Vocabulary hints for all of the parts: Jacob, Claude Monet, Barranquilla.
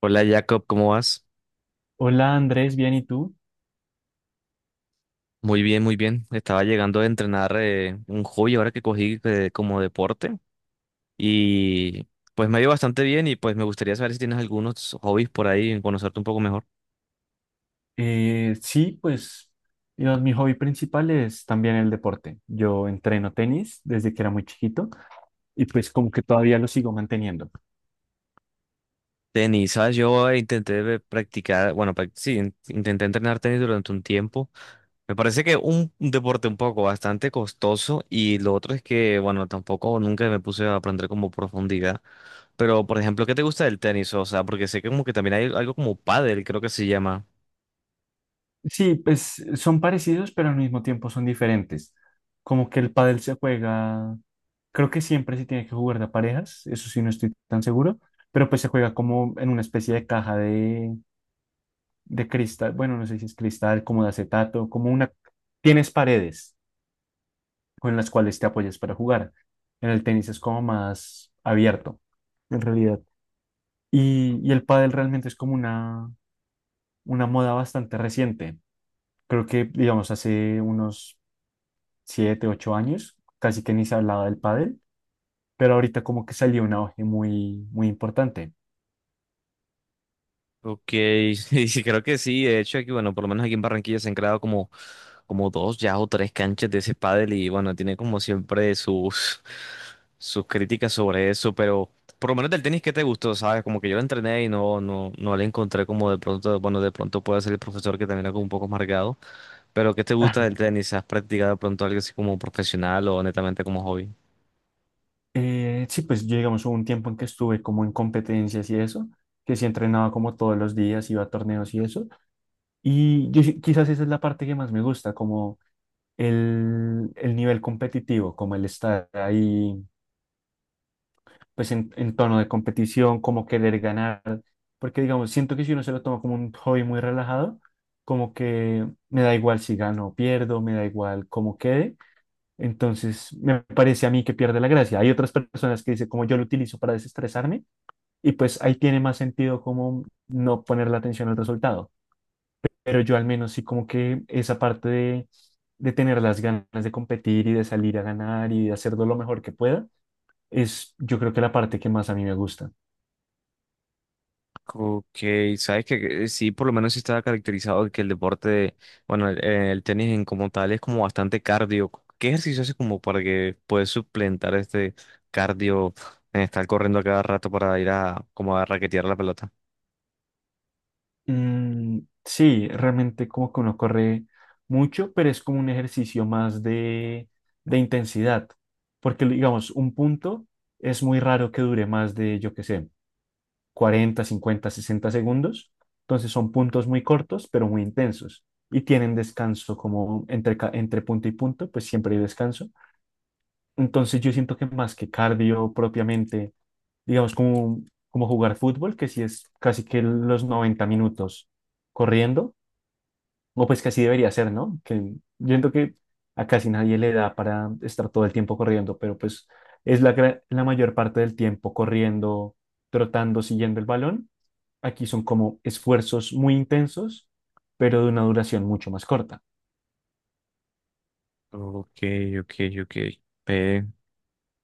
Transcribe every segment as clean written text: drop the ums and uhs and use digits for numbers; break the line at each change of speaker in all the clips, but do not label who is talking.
Hola Jacob, ¿cómo vas?
Hola Andrés, bien, ¿y tú?
Muy bien, muy bien. Estaba llegando a entrenar un hobby ahora que cogí como deporte y pues me ha ido bastante bien y pues me gustaría saber si tienes algunos hobbies por ahí y conocerte un poco mejor.
Sí, pues digamos, mi hobby principal es también el deporte. Yo entreno tenis desde que era muy chiquito y pues como que todavía lo sigo manteniendo.
Tenis, ¿sabes? Yo intenté practicar, bueno, sí, intenté entrenar tenis durante un tiempo. Me parece que un deporte un poco bastante costoso, y lo otro es que, bueno, tampoco nunca me puse a aprender como profundidad. Pero, por ejemplo, ¿qué te gusta del tenis? O sea, porque sé que como que también hay algo como pádel, creo que se llama.
Sí, pues son parecidos, pero al mismo tiempo son diferentes. Como que el pádel se juega, creo que siempre se tiene que jugar de a parejas, eso sí no estoy tan seguro, pero pues se juega como en una especie de caja de cristal, bueno, no sé si es cristal, como de acetato, como una... tienes paredes con las cuales te apoyas para jugar. En el tenis es como más abierto, en realidad. Y el pádel realmente es como una moda bastante reciente. Creo que, digamos, hace unos 7 u 8 años casi que ni se hablaba del pádel, pero ahorita como que salió un auge muy, muy importante.
Ok, sí, creo que sí. De hecho, aquí, bueno, por lo menos aquí en Barranquilla se han creado como dos ya o tres canchas de ese pádel y bueno, tiene como siempre sus críticas sobre eso, pero por lo menos del tenis, ¿qué te gustó? ¿Sabes? Como que yo lo entrené y no, no, no le encontré como de pronto, bueno, de pronto puede ser el profesor que también era como un poco amargado, pero ¿qué te gusta del tenis? ¿Has practicado de pronto algo así como profesional o netamente como hobby?
Sí, pues yo, digamos, hubo un tiempo en que estuve como en competencias y eso, que sí entrenaba como todos los días, iba a torneos y eso. Y yo quizás esa es la parte que más me gusta, como el nivel competitivo, como el estar ahí, pues en tono de competición, como querer ganar, porque digamos, siento que si uno se lo toma como un hobby muy relajado, como que me da igual si gano o pierdo, me da igual cómo quede, entonces me parece a mí que pierde la gracia. Hay otras personas que dicen como yo lo utilizo para desestresarme y pues ahí tiene más sentido como no poner la atención al resultado, pero yo al menos sí como que esa parte de tener las ganas de competir y de salir a ganar y de hacerlo lo mejor que pueda, es yo creo que la parte que más a mí me gusta.
Ok, sabes que sí, por lo menos sí estaba caracterizado de que el deporte, bueno, el tenis en como tal es como bastante cardio. ¿Qué ejercicio haces como para que puedas suplentar este cardio en estar corriendo a cada rato para ir a como a raquetear la pelota?
Sí, realmente como que uno corre mucho, pero es como un ejercicio más de intensidad, porque digamos, un punto es muy raro que dure más de, yo qué sé, 40, 50, 60 segundos. Entonces son puntos muy cortos, pero muy intensos. Y tienen descanso como entre, entre punto y punto, pues siempre hay descanso. Entonces yo siento que más que cardio propiamente, digamos como, como jugar fútbol, que sí es casi que los 90 minutos corriendo, o pues que así debería ser, ¿no? Que yo siento que a casi nadie le da para estar todo el tiempo corriendo, pero pues es la, la mayor parte del tiempo corriendo, trotando, siguiendo el balón. Aquí son como esfuerzos muy intensos, pero de una duración mucho más corta.
Ok, ok, ok. Ve,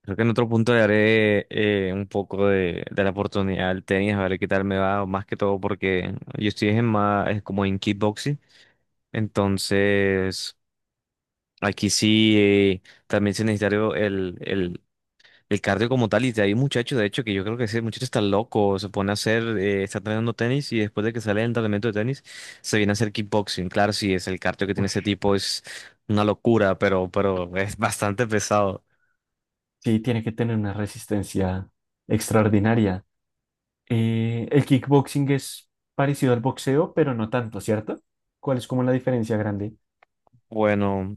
creo que en otro punto le haré un poco de la oportunidad al tenis, a ver qué tal me va, más que todo porque yo estoy en más, es como en kickboxing. Entonces, aquí sí, también se necesita el cardio como tal. Y hay muchachos, de hecho, que yo creo que ese muchacho está loco, se pone a hacer, está entrenando tenis y después de que sale del entrenamiento de tenis, se viene a hacer kickboxing. Claro, sí, es el cardio que tiene
Uy,
ese tipo, es una locura, pero es bastante pesado.
sí, tiene que tener una resistencia extraordinaria. El kickboxing es parecido al boxeo, pero no tanto, ¿cierto? ¿Cuál es como la diferencia grande?
Bueno,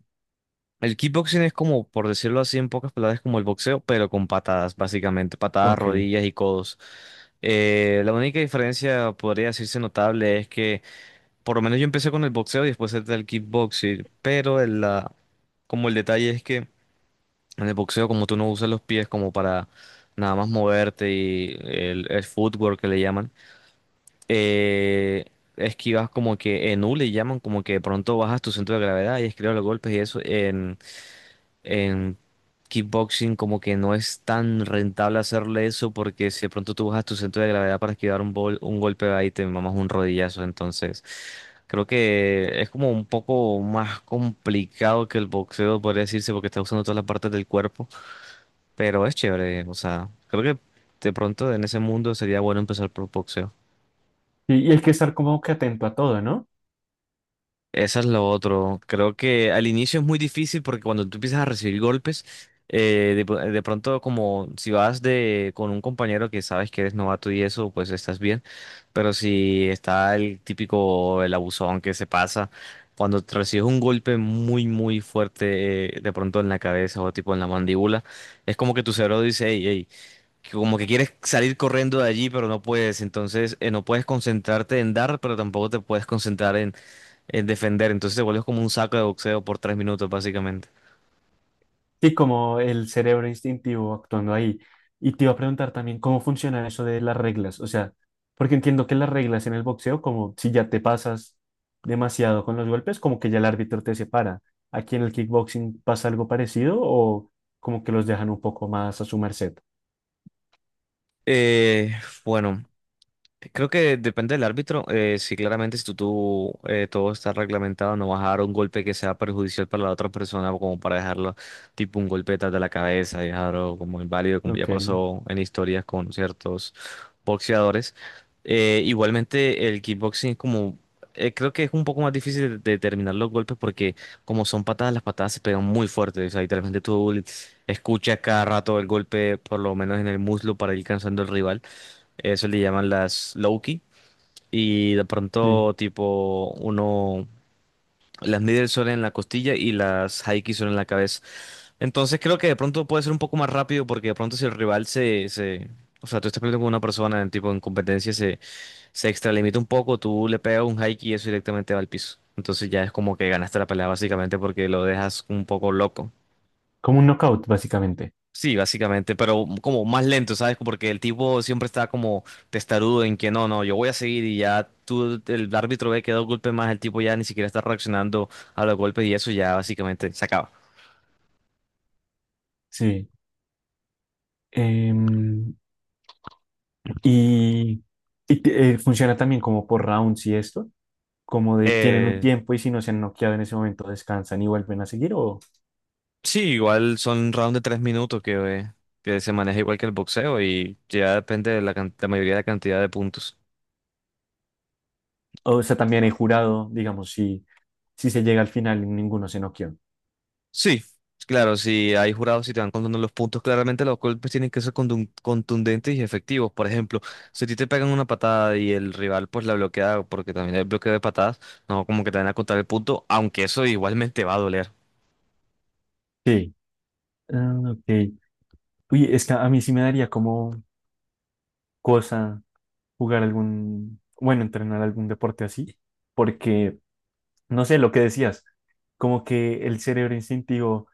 el kickboxing es como, por decirlo así, en pocas palabras, como el boxeo, pero con patadas, básicamente, patadas,
Ok. Y,
rodillas y codos. La única diferencia, podría decirse notable, es que por lo menos yo empecé con el boxeo y después entré al kickboxing, pero el, la, como el detalle es que en el boxeo como tú no usas los pies como para nada más moverte y el footwork que le llaman, eh, esquivas como que en U le llaman como que de pronto bajas tu centro de gravedad y esquivas los golpes y eso. En kickboxing como que no es tan rentable hacerle eso porque si de pronto tú bajas tu centro de gravedad para esquivar un, un golpe ahí te mamas un rodillazo. Entonces creo que es como un poco más complicado que el boxeo, podría decirse, porque está usando todas las partes del cuerpo. Pero es chévere, o sea, creo que de pronto en ese mundo sería bueno empezar por boxeo.
y hay que estar como que atento a todo, ¿no?
Eso es lo otro. Creo que al inicio es muy difícil porque cuando tú empiezas a recibir golpes, de pronto como si vas de con un compañero que sabes que eres novato y eso, pues estás bien. Pero si está el típico, el abusón que se pasa, cuando te recibes un golpe muy, muy fuerte, de pronto en la cabeza o tipo en la mandíbula, es como que tu cerebro dice, hey, hey, que como que quieres salir corriendo de allí, pero no puedes. Entonces, no puedes concentrarte en dar, pero tampoco te puedes concentrar en defender. Entonces te vuelves como un saco de boxeo por 3 minutos, básicamente.
Sí, como el cerebro instintivo actuando ahí. Y te iba a preguntar también cómo funciona eso de las reglas. O sea, porque entiendo que las reglas en el boxeo, como si ya te pasas demasiado con los golpes, como que ya el árbitro te separa. ¿Aquí en el kickboxing pasa algo parecido o como que los dejan un poco más a su merced?
Eh, bueno, creo que depende del árbitro. Si claramente si tú, todo está reglamentado, no vas a dar un golpe que sea perjudicial para la otra persona, o como para dejarlo tipo un golpe detrás de la cabeza, dejarlo como inválido, como ya
Ok,
pasó en historias con ciertos boxeadores. Igualmente el kickboxing es como, creo que es un poco más difícil de determinar los golpes porque como son patadas, las patadas se pegan muy fuerte. O sea, literalmente tú escuchas cada rato el golpe, por lo menos en el muslo, para ir cansando al rival. Eso le llaman las Loki. Y de
sí.
pronto, tipo, uno. Las middle son en la costilla y las High kick son en la cabeza. Entonces creo que de pronto puede ser un poco más rápido porque de pronto si el rival o sea, tú estás peleando con una persona en tipo en competencia se extralimita un poco, tú le pegas un high kick y eso directamente va al piso. Entonces ya es como que ganaste la pelea básicamente porque lo dejas un poco loco.
Como un knockout, básicamente.
Sí, básicamente, pero como más lento, ¿sabes? Porque el tipo siempre está como testarudo en que no, no, yo voy a seguir y ya tú, el árbitro ve que dos golpes más, el tipo ya ni siquiera está reaccionando a los golpes y eso ya básicamente se acaba.
Sí. Em, y Funciona también como por rounds y esto, como de tienen un
Eh,
tiempo y si no se han noqueado en ese momento descansan y vuelven a seguir, o,
sí, igual son rounds de 3 minutos eh, que se maneja igual que el boxeo y ya depende de la, la mayoría de la cantidad de puntos.
o sea, también he jurado, digamos, si se llega al final y ninguno se noqueó.
Sí, claro, si hay jurados y te van contando los puntos, claramente los golpes tienen que ser contundentes y efectivos. Por ejemplo, si a ti te pegan una patada y el rival pues la bloquea, porque también hay bloqueo de patadas, no como que te van a contar el punto, aunque eso igualmente va a doler.
Sí. Ah, ok. Uy, es que a mí sí me daría como cosa jugar algún, bueno, entrenar algún deporte así, porque, no sé, lo que decías, como que el cerebro instintivo,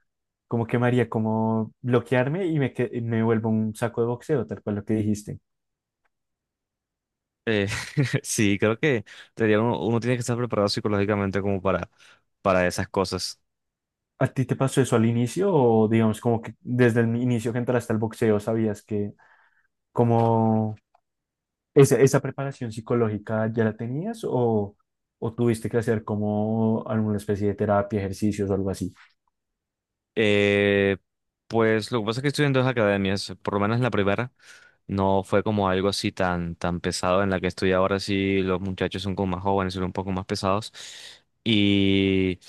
como que me haría como bloquearme y me, y me vuelvo un saco de boxeo, tal cual lo que dijiste.
Eh, sí, creo que debería uno, uno tiene que estar preparado psicológicamente como para esas cosas.
¿A ti te pasó eso al inicio o digamos como que desde el inicio que entraste al boxeo sabías que como esa preparación psicológica ya la tenías o tuviste que hacer como alguna especie de terapia, ejercicios o algo así?
Eh, pues lo que pasa es que estoy en dos academias, por lo menos la primera no fue como algo así tan, tan pesado. En la que estoy ahora sí, los muchachos son como más jóvenes, son un poco más pesados, y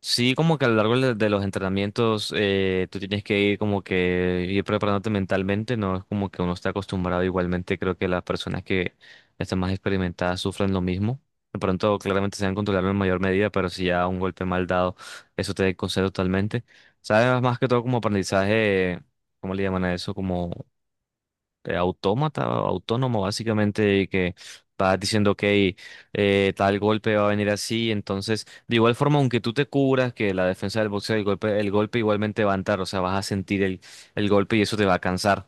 sí como que a lo largo de los entrenamientos tú tienes que ir como que ir preparándote mentalmente, no es como que uno está acostumbrado, igualmente creo que las personas que están más experimentadas sufren lo mismo. De pronto, claramente se van a controlar en mayor medida, pero si ya un golpe mal dado, eso te desconcentra totalmente. ¿Sabes? Más que todo como aprendizaje, ¿cómo le llaman a eso? Como autómata, autónomo, básicamente, y que vas diciendo, ok, tal golpe va a venir así. Entonces, de igual forma, aunque tú te cubras, que la defensa del boxeo, el golpe igualmente va a entrar, o sea, vas a sentir el golpe y eso te va a cansar.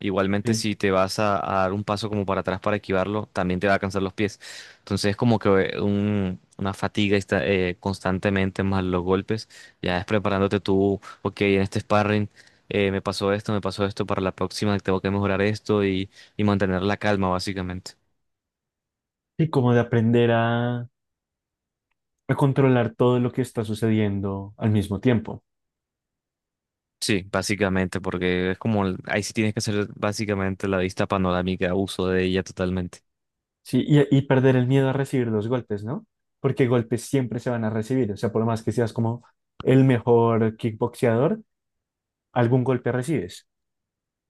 Igualmente,
Sí,
si te vas a dar un paso como para atrás para esquivarlo, también te va a cansar los pies. Entonces, es como que una fatiga constantemente más los golpes. Ya es preparándote tú, ok, en este sparring me pasó esto, para la próxima tengo que mejorar esto y mantener la calma, básicamente.
sí, como de aprender a controlar todo lo que está sucediendo al mismo tiempo.
Sí, básicamente, porque es como, ahí sí tienes que hacer básicamente la vista panorámica, uso de ella totalmente.
Sí, y perder el miedo a recibir los golpes, ¿no? Porque golpes siempre se van a recibir, o sea, por más que seas como el mejor kickboxeador, algún golpe recibes.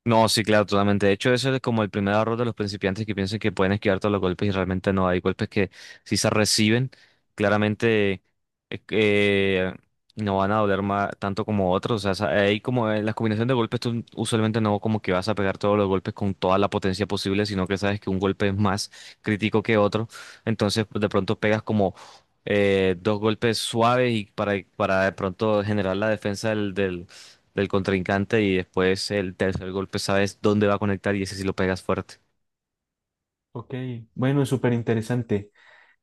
No, sí, claro, totalmente. De hecho, eso es como el primer error de los principiantes que piensan que pueden esquivar todos los golpes y realmente no. Hay golpes que si se reciben, claramente eh, eh, no van a doler tanto como otros. O sea, hay como en las combinaciones de golpes, tú usualmente no como que vas a pegar todos los golpes con toda la potencia posible, sino que sabes que un golpe es más crítico que otro. Entonces, pues, de pronto pegas como dos golpes suaves y para de pronto generar la defensa del contrincante y después el tercer golpe sabes dónde va a conectar y ese sí lo pegas fuerte.
Ok, bueno, súper interesante.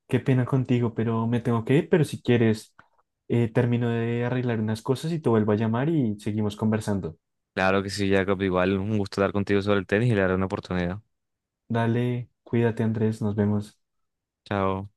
Qué pena contigo, pero me tengo que ir, pero si quieres, termino de arreglar unas cosas y te vuelvo a llamar y seguimos conversando.
Claro que sí, Jacob, igual un gusto hablar contigo sobre el tenis y le daré una oportunidad.
Dale, cuídate, Andrés, nos vemos.
Chao.